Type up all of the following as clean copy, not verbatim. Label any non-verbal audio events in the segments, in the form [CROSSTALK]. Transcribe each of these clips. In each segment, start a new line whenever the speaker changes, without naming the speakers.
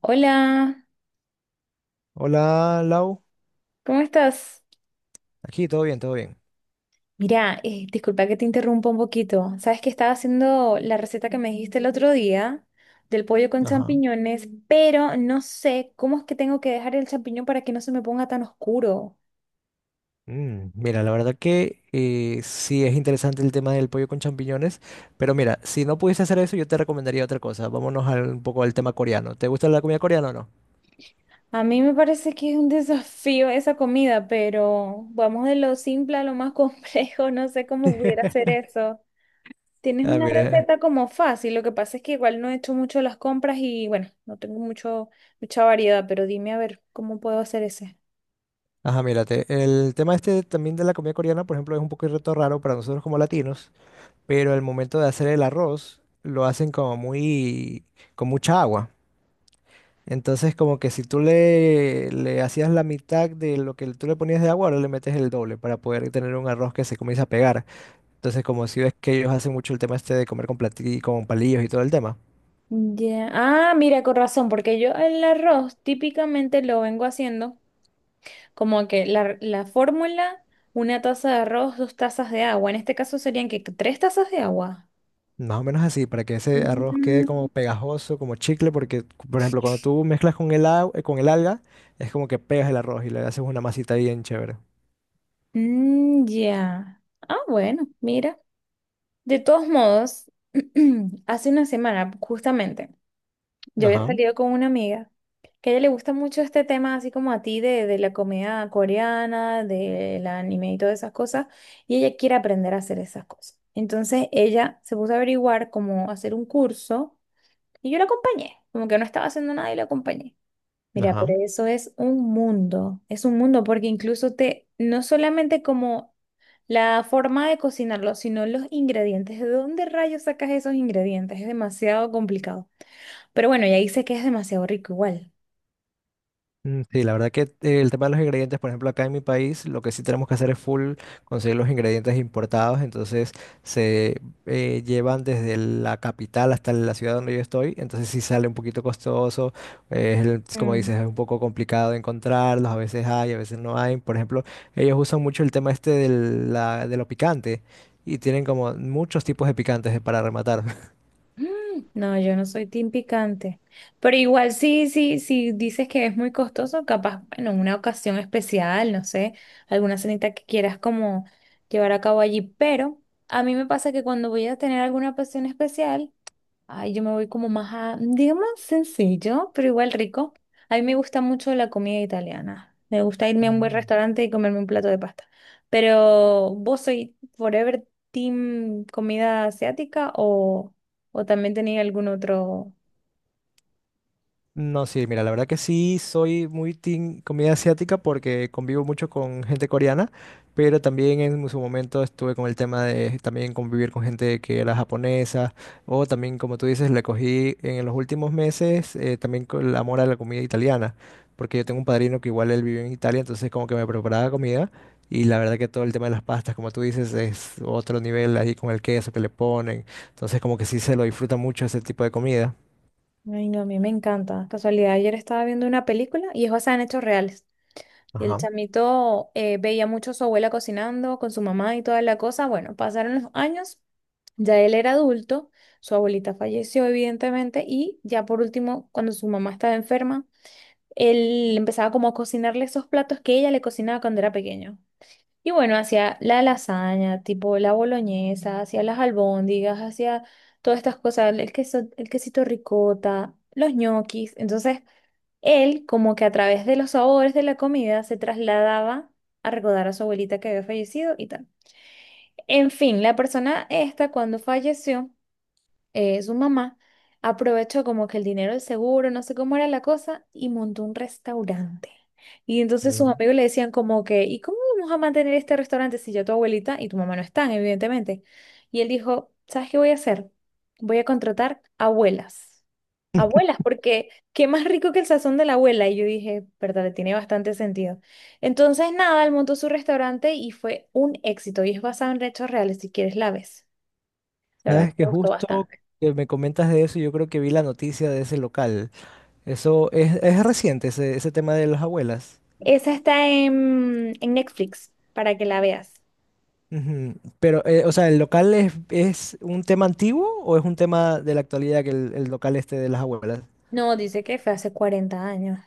Hola,
Hola, Lau.
¿cómo estás?
Aquí todo bien, todo bien.
Mira, disculpa que te interrumpa un poquito. Sabes que estaba haciendo la receta que me dijiste el otro día del pollo con
Ajá.
champiñones, pero no sé cómo es que tengo que dejar el champiñón para que no se me ponga tan oscuro.
Mira, la verdad que sí es interesante el tema del pollo con champiñones, pero mira, si no pudiese hacer eso, yo te recomendaría otra cosa. Vámonos un poco al tema coreano. ¿Te gusta la comida coreana o no?
A mí me parece que es un [LAUGHS] desafío esa comida, pero vamos de lo simple a lo más complejo. [LAUGHS] No sé cómo pudiera
[LAUGHS]
hacer [LAUGHS] eso. Tienes
Ah,
una
mira.
receta como fácil, lo que pasa es que igual no he hecho mucho las compras y bueno, no tengo mucha variedad, pero dime a ver cómo puedo hacer ese.
Ajá, mírate. El tema este también de la comida coreana, por ejemplo, es un poco reto raro para nosotros como latinos, pero al momento de hacer el arroz, lo hacen como muy, con mucha agua. Entonces, como que si tú le hacías la mitad de lo que tú le ponías de agua, ahora le metes el doble para poder tener un arroz que se comienza a pegar. Entonces, como si ves que ellos hacen mucho el tema este de comer con con palillos y todo el tema.
Ya, ah, mira, con razón, porque yo el arroz típicamente lo vengo haciendo como que la fórmula, una taza de arroz, dos tazas de agua. En este caso serían que tres tazas de agua.
Más o menos así, para que ese arroz quede
Mm,
como pegajoso, como chicle, porque, por ejemplo, cuando tú mezclas con el agua, con el alga, es como que pegas el arroz y le haces una masita bien chévere.
mm, ya. Ah, bueno, mira. De todos modos, [CLEARS THROAT] hace una semana, justamente. Yo había
Ajá,
salido con una amiga que a ella le gusta mucho este tema, así como a ti, de la comida coreana, del anime y todas esas cosas, y ella quiere aprender a hacer esas cosas. Entonces ella se puso a averiguar cómo hacer un curso y yo la acompañé, como que no estaba haciendo nada y la acompañé. Mira,
ajá.
pero eso es un mundo porque incluso te, no solamente como la forma de cocinarlo, sino los ingredientes, ¿de dónde rayos sacas esos ingredientes? Es demasiado complicado. Pero bueno, ya dice que es demasiado rico igual.
Sí, la verdad que el tema de los ingredientes, por ejemplo, acá en mi país, lo que sí tenemos que hacer es full conseguir los ingredientes importados, entonces se llevan desde la capital hasta la ciudad donde yo estoy, entonces sí sale un poquito costoso, es como
Mm.
dices, es un poco complicado de encontrarlos, a veces hay, a veces no hay, por ejemplo, ellos usan mucho el tema este de lo picante y tienen como muchos tipos de picantes para rematar.
Mm, no, yo no soy team picante. Pero igual sí, sí, sí dices que es muy costoso, capaz, bueno, una ocasión especial, no sé, alguna cenita que quieras como llevar a cabo allí. Pero a mí me pasa que cuando voy a tener alguna ocasión especial, ay, yo me voy como más a, digamos, sencillo, pero igual rico. A mí me gusta mucho la comida italiana. Me gusta irme a un buen
[LAUGHS]
restaurante y comerme un plato de pasta. Pero, ¿vos soy forever team comida asiática o también tenía algún otro?
No, sí, mira, la verdad que sí soy muy team comida asiática porque convivo mucho con gente coreana, pero también en su momento estuve con el tema de también convivir con gente que era japonesa, o también, como tú dices, le cogí en los últimos meses también con el amor a la comida italiana, porque yo tengo un padrino que igual él vive en Italia, entonces como que me preparaba comida y la verdad que todo el tema de las pastas, como tú dices, es otro nivel ahí con el queso que le ponen, entonces como que sí se lo disfruta mucho ese tipo de comida.
Ay, no, a mí me encanta. Casualidad, ayer estaba viendo una película y es basada en hechos reales. Y el
Ajá.
chamito veía mucho a su abuela cocinando con su mamá y toda la cosa. Bueno, pasaron los años. Ya él era adulto, su abuelita falleció evidentemente y ya por último, cuando su mamá estaba enferma, él empezaba como a cocinarle esos platos que ella le cocinaba cuando era pequeño. Y bueno, hacía la lasaña, tipo la boloñesa, hacía las albóndigas, hacía todas estas cosas, el queso, el quesito ricota, los ñoquis. Entonces, él como que a través de los sabores de la comida se trasladaba a recordar a su abuelita que había fallecido y tal. En fin, la persona esta cuando falleció su mamá aprovechó como que el dinero del seguro, no sé cómo era la cosa, y montó un restaurante. Y entonces
Mm.
sus amigos le decían como que, ¿y cómo vamos a mantener este restaurante si ya tu abuelita y tu mamá no están, evidentemente? Y él dijo, ¿sabes qué voy a hacer? Voy a contratar abuelas. Abuelas, porque qué más rico que el sazón de la abuela. Y yo dije, verdad, tiene bastante sentido. Entonces, nada, él montó su restaurante y fue un éxito. Y es basado en hechos reales, si quieres la ves. La verdad que
Sabes
me
que
gustó
justo
bastante.
que me comentas de eso, yo creo que vi la noticia de ese local. Eso es reciente, ese tema de las abuelas.
Esa está en Netflix para que la veas.
Ujú. Pero, o sea, ¿el local es un tema antiguo o es un tema de la actualidad que el local este de las abuelas?
No, dice que fue hace 40 años.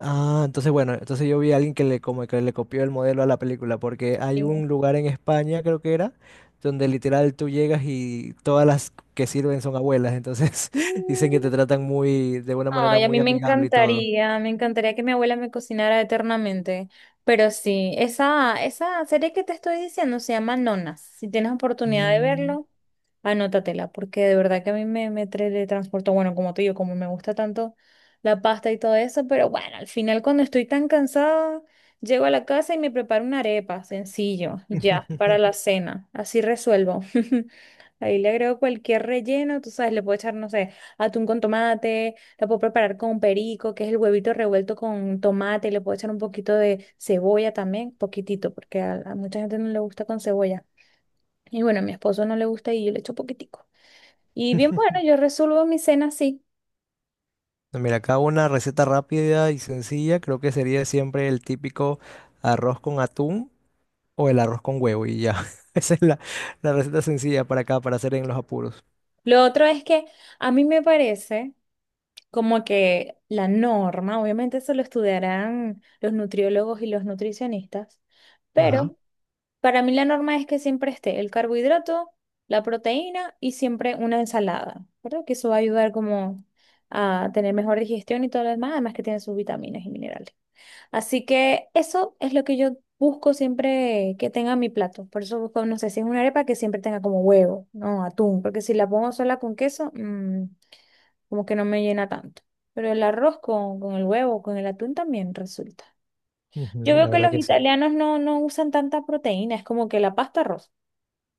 Ah, entonces bueno, entonces yo vi a alguien que le, como que le copió el modelo a la película, porque hay
Sí.
un lugar en España, creo que era, donde literal tú llegas y todas las que sirven son abuelas, entonces [LAUGHS] dicen que te
Mm,
tratan muy, de una manera
ay, a
muy
mí
amigable y todo.
me encantaría que mi abuela me cocinara eternamente. Pero sí, esa serie que te estoy diciendo se llama Nonas. Si tienes oportunidad de
Mm.
verlo, anótatela, porque de verdad que a mí me, me transporto, bueno, como te digo, como me gusta tanto la pasta y todo eso, pero bueno, al final cuando estoy tan cansada, llego a la casa y me preparo una arepa, sencillo, ya, para la
[LAUGHS]
cena. Así resuelvo. [LAUGHS] Ahí le agrego cualquier relleno, tú sabes, le puedo echar, no sé, atún con tomate, la puedo preparar con perico, que es el huevito revuelto con tomate, le puedo echar un poquito de cebolla también, poquitito, porque a mucha gente no le gusta con cebolla. Y bueno, a mi esposo no le gusta y yo le echo poquitico. Y bien, bueno, yo resuelvo mi cena así.
No, mira, acá una receta rápida y sencilla, creo que sería siempre el típico arroz con atún o el arroz con huevo y ya. [LAUGHS] Esa es la receta sencilla para acá, para hacer en los apuros.
Lo otro es que a mí me parece como que la norma, obviamente eso lo estudiarán los nutriólogos y los nutricionistas,
Ajá.
pero... Para mí la norma es que siempre esté el carbohidrato, la proteína y siempre una ensalada, ¿verdad? Que eso va a ayudar como a tener mejor digestión y todo lo demás, además que tiene sus vitaminas y minerales. Así que eso es lo que yo busco siempre que tenga mi plato. Por eso busco, no sé, si es una arepa que siempre tenga como huevo, no atún, porque si la pongo sola con queso, mm, como que no me llena tanto. Pero el arroz con el huevo, con el atún también resulta. Yo
Ujú,
veo
la
que
verdad
los
que sí.
italianos no, no usan tanta proteína, es como que la pasta arroz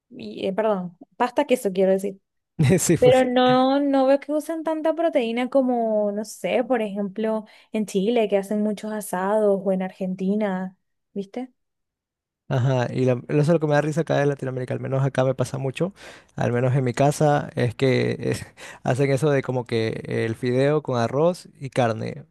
y, perdón, pasta queso quiero decir.
[LAUGHS] Sí,
Pero
porque...
no, no veo que usen tanta proteína como, no sé, por ejemplo, en Chile, que hacen muchos asados, o en Argentina, ¿viste?
Ajá, y eso es lo que me da risa acá en Latinoamérica, al menos acá me pasa mucho, al menos en mi casa, es que [LAUGHS] hacen eso de como que el fideo con arroz y carne,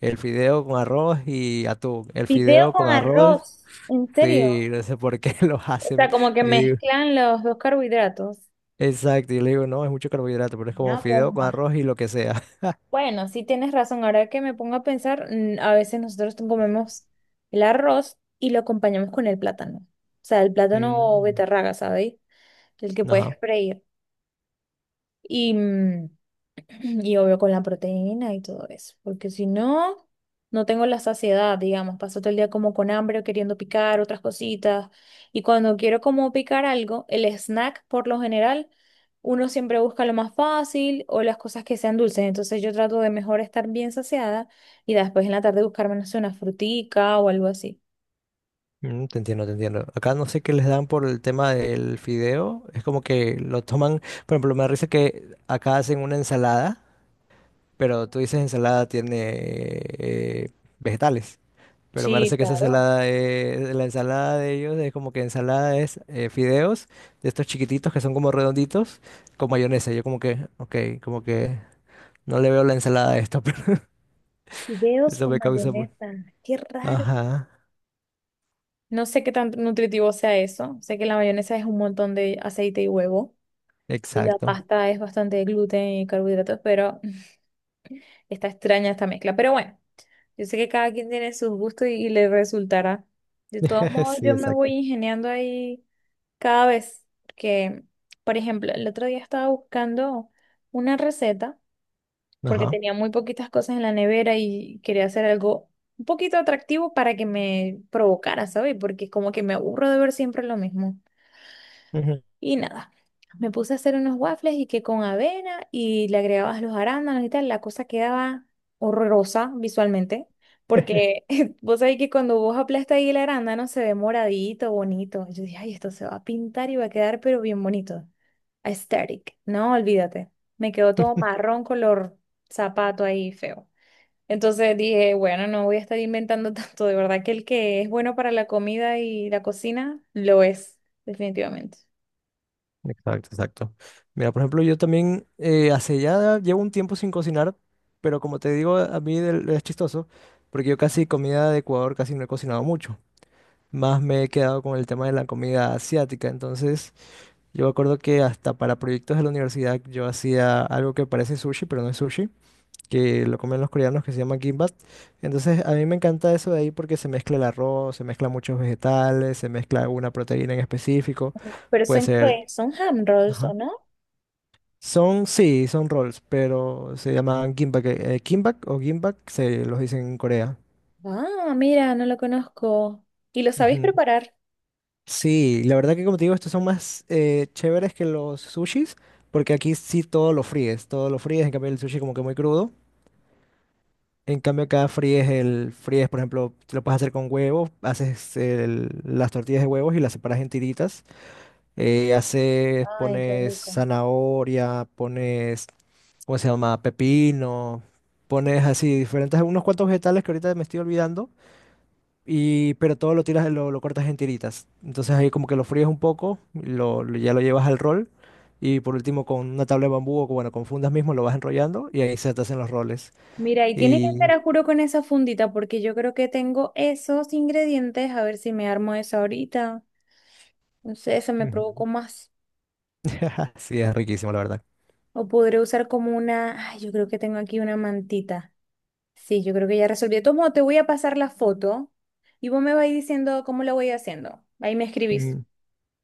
el fideo con arroz y atún, el
Video
fideo
con
con arroz.
arroz. ¿En serio?
Sí, no sé por qué [LAUGHS] los
O
hacen.
sea, como que
Yo digo,
mezclan los dos carbohidratos.
exacto, y le digo, no, es mucho carbohidrato, pero es
Una
como fideo con
bomba.
arroz y lo que sea. [LAUGHS]
Bueno, sí tienes razón. Ahora que me pongo a pensar, mm, a veces nosotros comemos el arroz y lo acompañamos con el plátano. O sea, el plátano o
Mm,
beterraga, ¿sabéis? El que puedes
ajá,
freír. Y, mm, y obvio con la proteína y todo eso, porque si no, no tengo la saciedad, digamos, paso todo el día como con hambre o queriendo picar otras cositas. Y cuando quiero como picar algo, el snack por lo general, uno siempre busca lo más fácil o las cosas que sean dulces. Entonces yo trato de mejor estar bien saciada y después en la tarde buscarme, no sé, una frutica o algo así.
te entiendo, te entiendo. Acá no sé qué les dan por el tema del fideo, es como que lo toman, por ejemplo, me da risa que acá hacen una ensalada, pero tú dices ensalada tiene eh, vegetales. Pero me
Sí,
parece que esa
claro.
ensalada, la ensalada de ellos es como que ensalada es fideos de estos chiquititos que son como redonditos con mayonesa. Yo como que, ok, como que no le veo la ensalada a esto, [LAUGHS] pero
Fideos
eso
con
me causa muy...
mayonesa, qué raro.
Ajá,
No sé qué tan nutritivo sea eso. Sé que la mayonesa es un montón de aceite y huevo. La
exacto.
pasta es bastante gluten y carbohidratos, pero [LAUGHS] está extraña esta mezcla. Pero bueno, yo sé que cada quien tiene sus gustos y le resultará. De todos
[LAUGHS]
modos,
Sí,
yo me voy
exacto.
ingeniando ahí cada vez. Porque, por ejemplo, el otro día estaba buscando una receta porque
Ajá.
tenía muy poquitas cosas en la nevera y quería hacer algo un poquito atractivo para que me provocara, ¿sabes? Porque como que me aburro de ver siempre lo mismo.
Ujú.
Y nada, me puse a hacer unos waffles y que con avena y le agregabas los arándanos y tal, la cosa quedaba horrorosa visualmente, porque [LAUGHS] vos sabés que cuando vos aplastas ahí el arándano se ve moradito, bonito. Yo dije, ay, esto se va a pintar y va a quedar pero bien bonito. Aesthetic. No, olvídate. Me quedó todo
[LAUGHS]
marrón color zapato ahí feo. Entonces dije, bueno, no voy a estar inventando [LAUGHS] tanto. De verdad que el que es bueno para la comida y la cocina, lo es, definitivamente.
Exacto, exacto. Mira, por ejemplo, yo también hace ya llevo un tiempo sin cocinar, pero como te digo, a mí es chistoso, porque yo casi comida de Ecuador casi no he cocinado mucho. Más me he quedado con el tema de la comida asiática. Entonces, yo me acuerdo que hasta para proyectos de la universidad yo hacía algo que parece sushi, pero no es sushi, que lo comen los coreanos que se llama kimbap. Entonces, a mí me encanta eso de ahí porque se mezcla el arroz, se mezclan muchos vegetales, se mezcla una proteína en específico.
Pero
Puede
son,
ser...
¿qué? ¿Son ham rolls, o
Ajá.
no?
Son, sí, son rolls, pero se llaman gimbap, gimbap o gimbap, se los dicen en Corea.
Ah, mira, no lo conozco. ¿Y lo sabéis
Ujú.
preparar?
Sí, la verdad que como te digo, estos son más chéveres que los sushis, porque aquí sí todo lo fríes, en cambio el sushi como que muy crudo. En cambio acá fríes fríes, por ejemplo, te lo puedes hacer con huevos, haces las tortillas de huevos y las separas en tiritas, haces,
Ay, qué
pones
rico.
zanahoria, pones, ¿cómo se llama? Pepino, pones así diferentes, unos cuantos vegetales que ahorita me estoy olvidando y, pero todo lo tiras, lo cortas en tiritas. Entonces ahí como que lo fríes un poco, ya lo llevas al rol. Y por último con una tabla de bambú bueno, con fundas mismo lo vas enrollando y ahí se te hacen los roles.
Mira, y tiene que ser
Y...
a juro con esa fundita, porque yo creo que tengo esos ingredientes. A ver si me armo esa ahorita. No sé, se me
Ujú.
provocó más.
[LAUGHS] Sí, es riquísimo, la verdad.
O podré usar como una. Ay, yo creo que tengo aquí una mantita. Sí, yo creo que ya resolví. Tomo, te voy a pasar la foto y vos me vais diciendo cómo lo voy haciendo. Ahí me escribís.
Mm,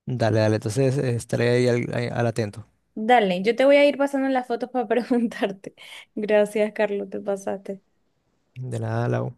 Dale, dale. Entonces estaré ahí ahí al atento.
Dale, yo te voy a ir pasando las fotos para preguntarte. [LAUGHS] Gracias, Carlos, te pasaste.
De nada, Lau.